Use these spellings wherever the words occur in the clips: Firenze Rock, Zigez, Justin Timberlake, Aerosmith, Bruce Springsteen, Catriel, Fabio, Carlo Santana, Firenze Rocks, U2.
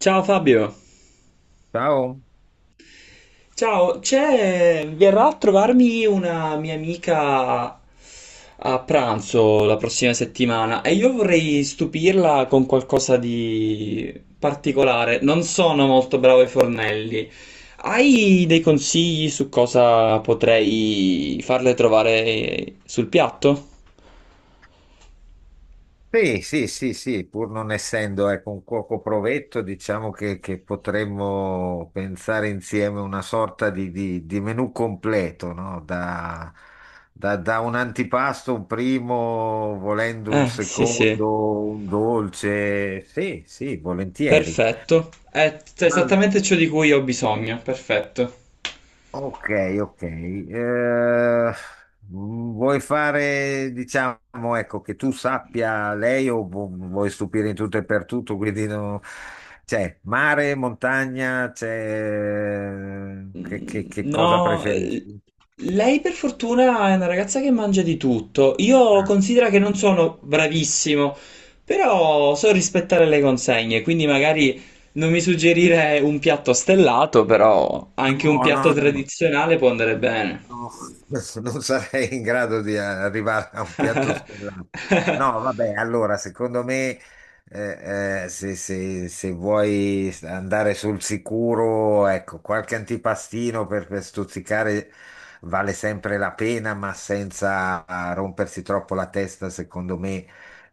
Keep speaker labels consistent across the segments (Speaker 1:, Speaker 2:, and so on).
Speaker 1: Ciao Fabio.
Speaker 2: Ciao.
Speaker 1: Ciao, verrà a trovarmi una mia amica a pranzo la prossima settimana e io vorrei stupirla con qualcosa di particolare. Non sono molto bravo ai fornelli. Hai dei consigli su cosa potrei farle trovare sul piatto?
Speaker 2: Sì, sì, sì, sì, pur non essendo ecco, un cuoco provetto, diciamo che potremmo pensare insieme una sorta di menù completo, no? Da un antipasto, un primo, volendo un
Speaker 1: Sì, sì.
Speaker 2: secondo, un dolce. Sì, sì, volentieri.
Speaker 1: Perfetto. È esattamente ciò di cui ho bisogno. Perfetto.
Speaker 2: Ok, ok. Vuoi fare, diciamo, ecco, che tu sappia lei o vuoi stupire in tutto e per tutto, quindi c'è mare, montagna, c'è... Che cosa
Speaker 1: No,
Speaker 2: preferisci?
Speaker 1: lei per fortuna è una ragazza che mangia di tutto. Io
Speaker 2: Ah,
Speaker 1: considero che non sono bravissimo, però so rispettare le consegne, quindi magari non mi suggerire un piatto stellato, però anche un
Speaker 2: No,
Speaker 1: piatto
Speaker 2: no, no.
Speaker 1: tradizionale può andare bene.
Speaker 2: No, non sarei in grado di arrivare a un piatto stellato. No, vabbè, allora, secondo me, se, se vuoi andare sul sicuro, ecco, qualche antipastino per stuzzicare vale sempre la pena, ma senza rompersi troppo la testa, secondo me.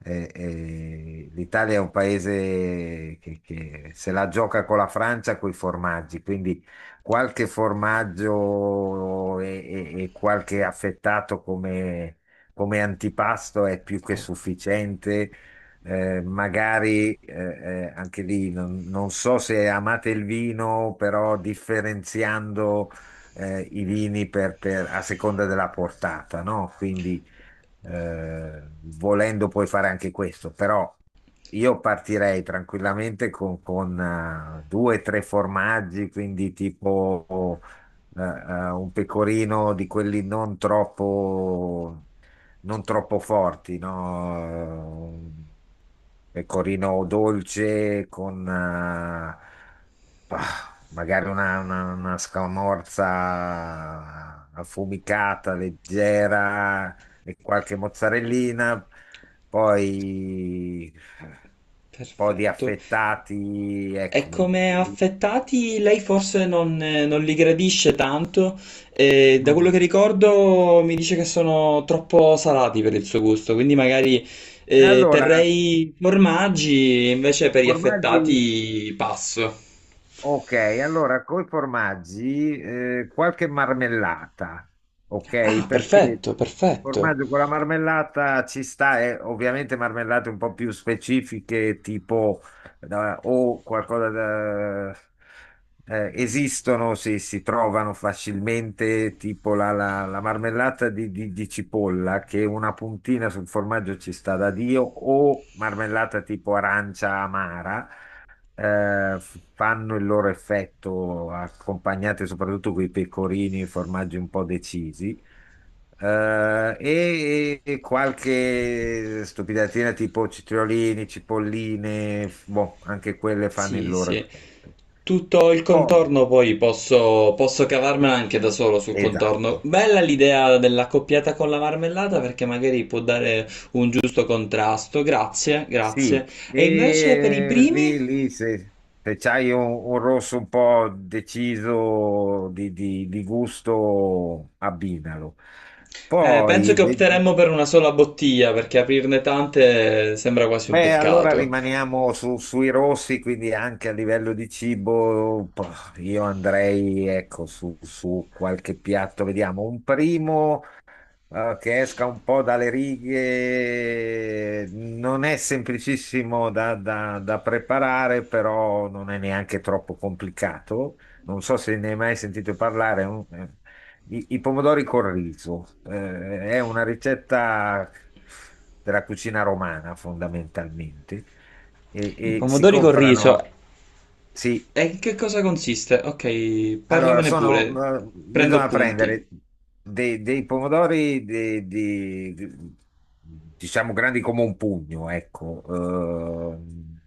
Speaker 2: L'Italia è un paese che se la gioca con la Francia, con i formaggi, quindi qualche formaggio e qualche affettato come, come antipasto è più che sufficiente. Magari anche lì non so se amate il vino, però differenziando i vini a seconda della portata, no? Quindi eh, volendo puoi fare anche questo, però io partirei tranquillamente con due o tre formaggi, quindi tipo un pecorino di quelli non troppo, non troppo forti, no? Un pecorino dolce con bah, magari una scamorza affumicata, leggera, e qualche mozzarellina, poi un po' di
Speaker 1: Perfetto.
Speaker 2: affettati,
Speaker 1: E
Speaker 2: ecco.
Speaker 1: come
Speaker 2: Mm.
Speaker 1: affettati lei forse non, non li gradisce tanto, e da quello che ricordo mi dice che sono troppo salati per il suo gusto, quindi magari
Speaker 2: E allora,
Speaker 1: terrei formaggi, invece per gli
Speaker 2: formaggi.
Speaker 1: affettati passo.
Speaker 2: Ok, allora con i formaggi qualche marmellata, ok?
Speaker 1: Ah,
Speaker 2: Perché
Speaker 1: perfetto,
Speaker 2: il
Speaker 1: perfetto.
Speaker 2: formaggio con la marmellata ci sta, e ovviamente marmellate un po' più specifiche, tipo o qualcosa da... esistono, si trovano facilmente, tipo la marmellata di cipolla, che una puntina sul formaggio ci sta da Dio, o marmellata tipo arancia amara, fanno il loro effetto, accompagnate soprattutto con i pecorini e formaggi un po' decisi. E, e qualche stupidatina tipo citriolini, cipolline, boh, anche quelle fanno il
Speaker 1: Sì,
Speaker 2: loro
Speaker 1: sì.
Speaker 2: effetto.
Speaker 1: Tutto il
Speaker 2: Poi,
Speaker 1: contorno poi posso cavarmela anche da solo sul contorno.
Speaker 2: esatto,
Speaker 1: Bella l'idea dell'accoppiata con la marmellata perché magari può dare un giusto contrasto. Grazie,
Speaker 2: sì,
Speaker 1: grazie. E invece per i
Speaker 2: e
Speaker 1: primi?
Speaker 2: lì, lì se, se c'hai un rosso un po' deciso di, di gusto, abbinalo.
Speaker 1: Penso
Speaker 2: Poi,
Speaker 1: che opteremmo per una sola bottiglia perché aprirne tante sembra quasi un
Speaker 2: beh, allora
Speaker 1: peccato.
Speaker 2: rimaniamo sui rossi, quindi anche a livello di cibo, io andrei, ecco, su, su qualche piatto, vediamo, un primo, che esca un po' dalle righe, non è semplicissimo da, da preparare, però non è neanche troppo complicato. Non so se ne hai mai sentito parlare. I, i pomodori col riso, è una ricetta della cucina romana fondamentalmente.
Speaker 1: I
Speaker 2: E si
Speaker 1: pomodori col riso.
Speaker 2: comprano. Sì,
Speaker 1: E in che cosa consiste? Ok,
Speaker 2: allora,
Speaker 1: parlamene pure.
Speaker 2: sono,
Speaker 1: Prendo
Speaker 2: bisogna
Speaker 1: appunti.
Speaker 2: prendere dei, dei pomodori diciamo grandi come un pugno, ecco, ehm,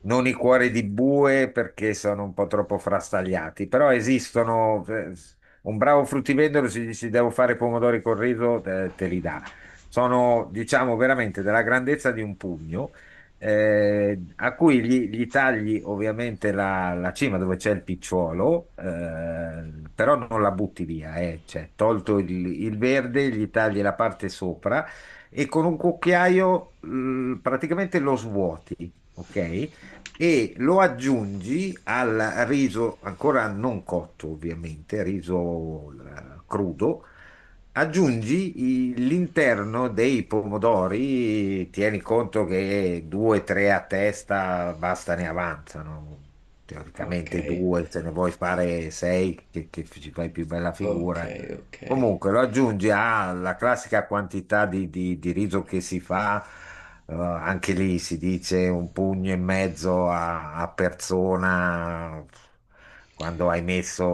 Speaker 2: non i cuori di bue perché sono un po' troppo frastagliati, però esistono. Un bravo fruttivendolo, se gli dici devo fare pomodori col riso, te, te li dà. Sono, diciamo, veramente della grandezza di un pugno, a cui gli, gli tagli ovviamente la cima dove c'è il picciolo, però non la butti via, cioè, tolto il verde, gli tagli la parte sopra e con un cucchiaio, praticamente lo svuoti, ok? E lo aggiungi al riso ancora non cotto, ovviamente, riso crudo. Aggiungi l'interno dei pomodori, tieni conto che due, tre a testa basta ne avanzano.
Speaker 1: Ok,
Speaker 2: Teoricamente due, se ne vuoi fare sei, che ci fai più bella
Speaker 1: ok,
Speaker 2: figura.
Speaker 1: ok.
Speaker 2: Comunque lo aggiungi alla classica quantità di riso che si fa. Anche lì si dice un pugno e mezzo a, a persona quando hai messo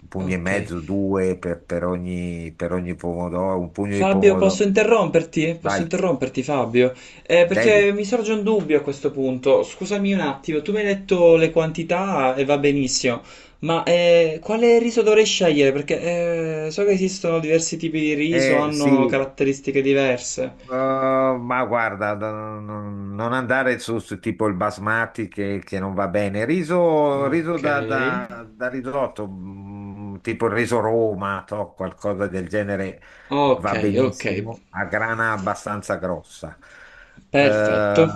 Speaker 2: un pugno e
Speaker 1: Ok.
Speaker 2: mezzo, due per ogni pomodoro, un pugno di
Speaker 1: Fabio, posso
Speaker 2: pomodoro.
Speaker 1: interromperti? Posso
Speaker 2: Vai,
Speaker 1: interromperti, Fabio?
Speaker 2: devi.
Speaker 1: Perché mi sorge un dubbio a questo punto. Scusami un attimo, tu mi hai detto le quantità e va benissimo, ma quale riso dovrei scegliere? Perché so che esistono diversi tipi di riso, hanno
Speaker 2: Sì,
Speaker 1: caratteristiche diverse.
Speaker 2: Ma guarda, non non andare su, su tipo il basmati che non va bene. Riso, riso
Speaker 1: Ok,
Speaker 2: da, da risotto, mm, tipo il riso Roma, to, qualcosa del genere
Speaker 1: ok,
Speaker 2: va
Speaker 1: ok,
Speaker 2: benissimo, a grana abbastanza grossa. Eh,
Speaker 1: perfetto,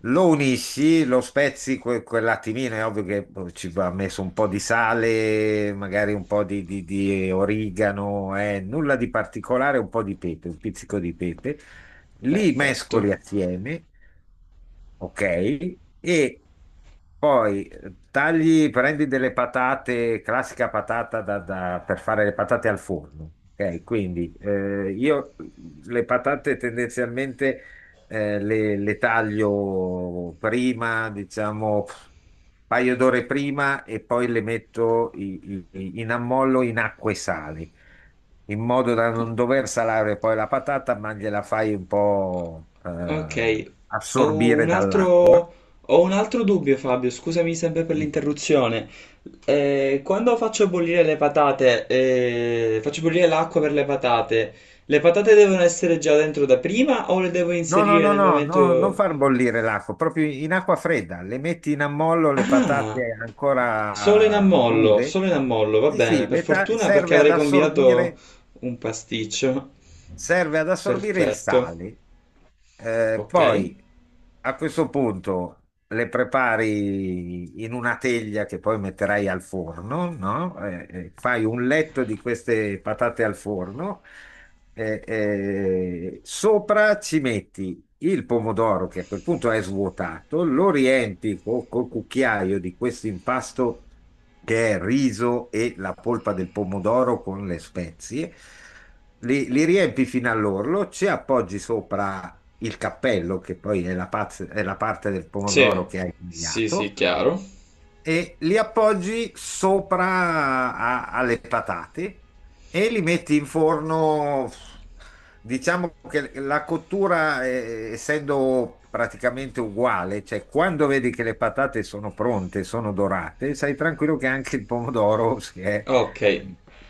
Speaker 2: lo unisci, lo spezzi quell'attimino, è ovvio che boh, ci va messo un po' di sale, magari un po' di, di origano, nulla di particolare, un po' di pepe, un pizzico di pepe. Li
Speaker 1: perfetto.
Speaker 2: mescoli assieme ok? E poi tagli, prendi delle patate, classica patata da, per fare le patate al forno, ok? Quindi io le patate tendenzialmente le taglio prima, diciamo, pff, un paio d'ore prima e poi le metto in ammollo in acqua e sale in modo da non dover salare poi la patata, ma gliela fai un po'
Speaker 1: Ok, ho un
Speaker 2: assorbire dall'acqua.
Speaker 1: altro, ho un altro dubbio, Fabio, scusami sempre per l'interruzione. Quando faccio bollire le patate, faccio bollire l'acqua per le patate devono essere già dentro da prima o le devo
Speaker 2: No, no,
Speaker 1: inserire
Speaker 2: no,
Speaker 1: nel
Speaker 2: no, no, non
Speaker 1: momento...
Speaker 2: far bollire l'acqua, proprio in acqua fredda, le metti in ammollo le
Speaker 1: Ah,
Speaker 2: patate ancora crude.
Speaker 1: solo in ammollo, va
Speaker 2: Sì,
Speaker 1: bene,
Speaker 2: sì,
Speaker 1: per fortuna perché avrei combinato un pasticcio.
Speaker 2: serve ad assorbire il
Speaker 1: Perfetto,
Speaker 2: sale.
Speaker 1: ok.
Speaker 2: Poi a questo punto le prepari in una teglia che poi metterai al forno, no? Fai un letto di queste patate al forno, sopra ci metti il pomodoro che a quel punto è svuotato, lo riempi col cucchiaio di questo impasto che è riso e la polpa del pomodoro con le spezie, li, li riempi fino all'orlo, ci appoggi sopra il cappello, che poi è è la parte del
Speaker 1: Sì,
Speaker 2: pomodoro che hai
Speaker 1: sì, sì,
Speaker 2: tagliato,
Speaker 1: chiaro.
Speaker 2: e li appoggi sopra alle patate e li metti in forno. Diciamo che la cottura, essendo praticamente uguale, cioè quando vedi che le patate sono pronte, sono dorate, sai tranquillo che anche il pomodoro
Speaker 1: Ok,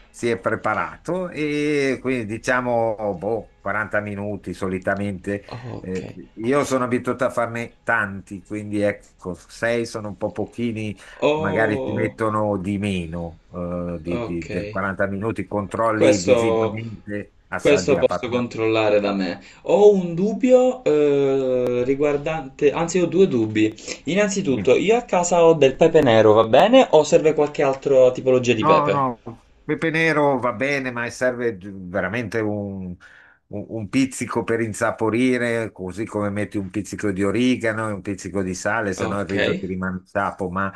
Speaker 2: si è preparato e quindi diciamo boh, 40 minuti solitamente.
Speaker 1: Ok.
Speaker 2: Io sono abituato a farne tanti, quindi ecco, sei sono un po' pochini magari ti
Speaker 1: Oh,
Speaker 2: mettono di meno
Speaker 1: ok.
Speaker 2: del 40 minuti, controlli
Speaker 1: Questo,
Speaker 2: visivamente, assaggi
Speaker 1: questo
Speaker 2: la
Speaker 1: posso
Speaker 2: patata.
Speaker 1: controllare da me. Ho un dubbio riguardante, anzi ho due dubbi. Innanzitutto, io a casa ho del pepe nero, va bene? O serve qualche altra tipologia di
Speaker 2: No,
Speaker 1: pepe?
Speaker 2: no, pepe nero va bene, ma serve veramente un, un pizzico per insaporire, così come metti un pizzico di origano e un pizzico di sale, se no il
Speaker 1: Ok,
Speaker 2: riso ti rimane sapo, ma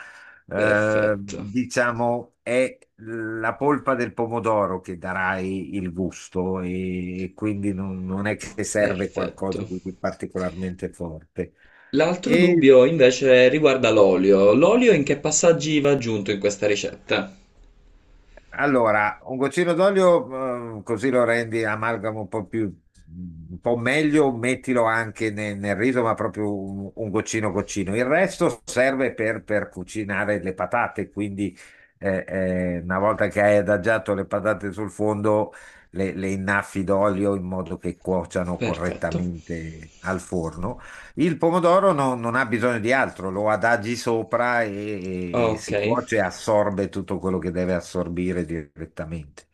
Speaker 1: perfetto,
Speaker 2: diciamo è la polpa del pomodoro che darai il gusto e quindi non, non è che serve
Speaker 1: perfetto.
Speaker 2: qualcosa di particolarmente forte.
Speaker 1: L'altro dubbio invece riguarda l'olio. L'olio in che passaggi va aggiunto in questa ricetta?
Speaker 2: Allora, un goccino d'olio, così lo rendi amalgamo un po' più, un po' meglio, mettilo anche nel, riso, ma proprio un goccino goccino. Il resto serve per cucinare le patate, quindi una volta che hai adagiato le patate sul fondo, le innaffi d'olio in modo che cuociano
Speaker 1: Perfetto.
Speaker 2: correttamente al forno. Il pomodoro non ha bisogno di altro, lo adagi sopra e
Speaker 1: Ok.
Speaker 2: si cuoce e assorbe tutto quello che deve assorbire direttamente.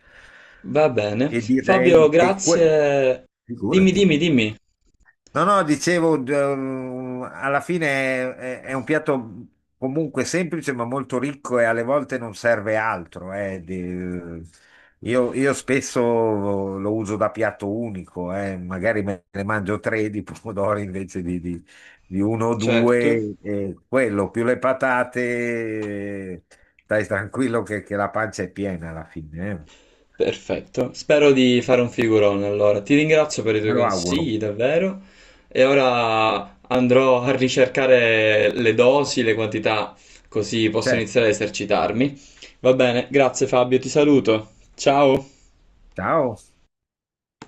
Speaker 1: Va bene.
Speaker 2: E direi
Speaker 1: Fabio,
Speaker 2: che
Speaker 1: grazie. Dimmi,
Speaker 2: figurati.
Speaker 1: dimmi, dimmi.
Speaker 2: No, no, dicevo, alla fine è, è un piatto comunque semplice ma molto ricco e alle volte non serve altro. Io spesso lo uso da piatto unico, magari me ne mangio tre di pomodori invece di, di uno o
Speaker 1: Certo.
Speaker 2: due, e quello più le patate, eh, stai tranquillo che la pancia è piena alla fine.
Speaker 1: Perfetto. Spero di fare un figurone allora. Ti ringrazio per i tuoi
Speaker 2: Me lo auguro.
Speaker 1: consigli, davvero. E ora andrò a ricercare le dosi, le quantità, così posso
Speaker 2: Certo,
Speaker 1: iniziare a esercitarmi. Va bene, grazie Fabio, ti saluto. Ciao.
Speaker 2: ciao.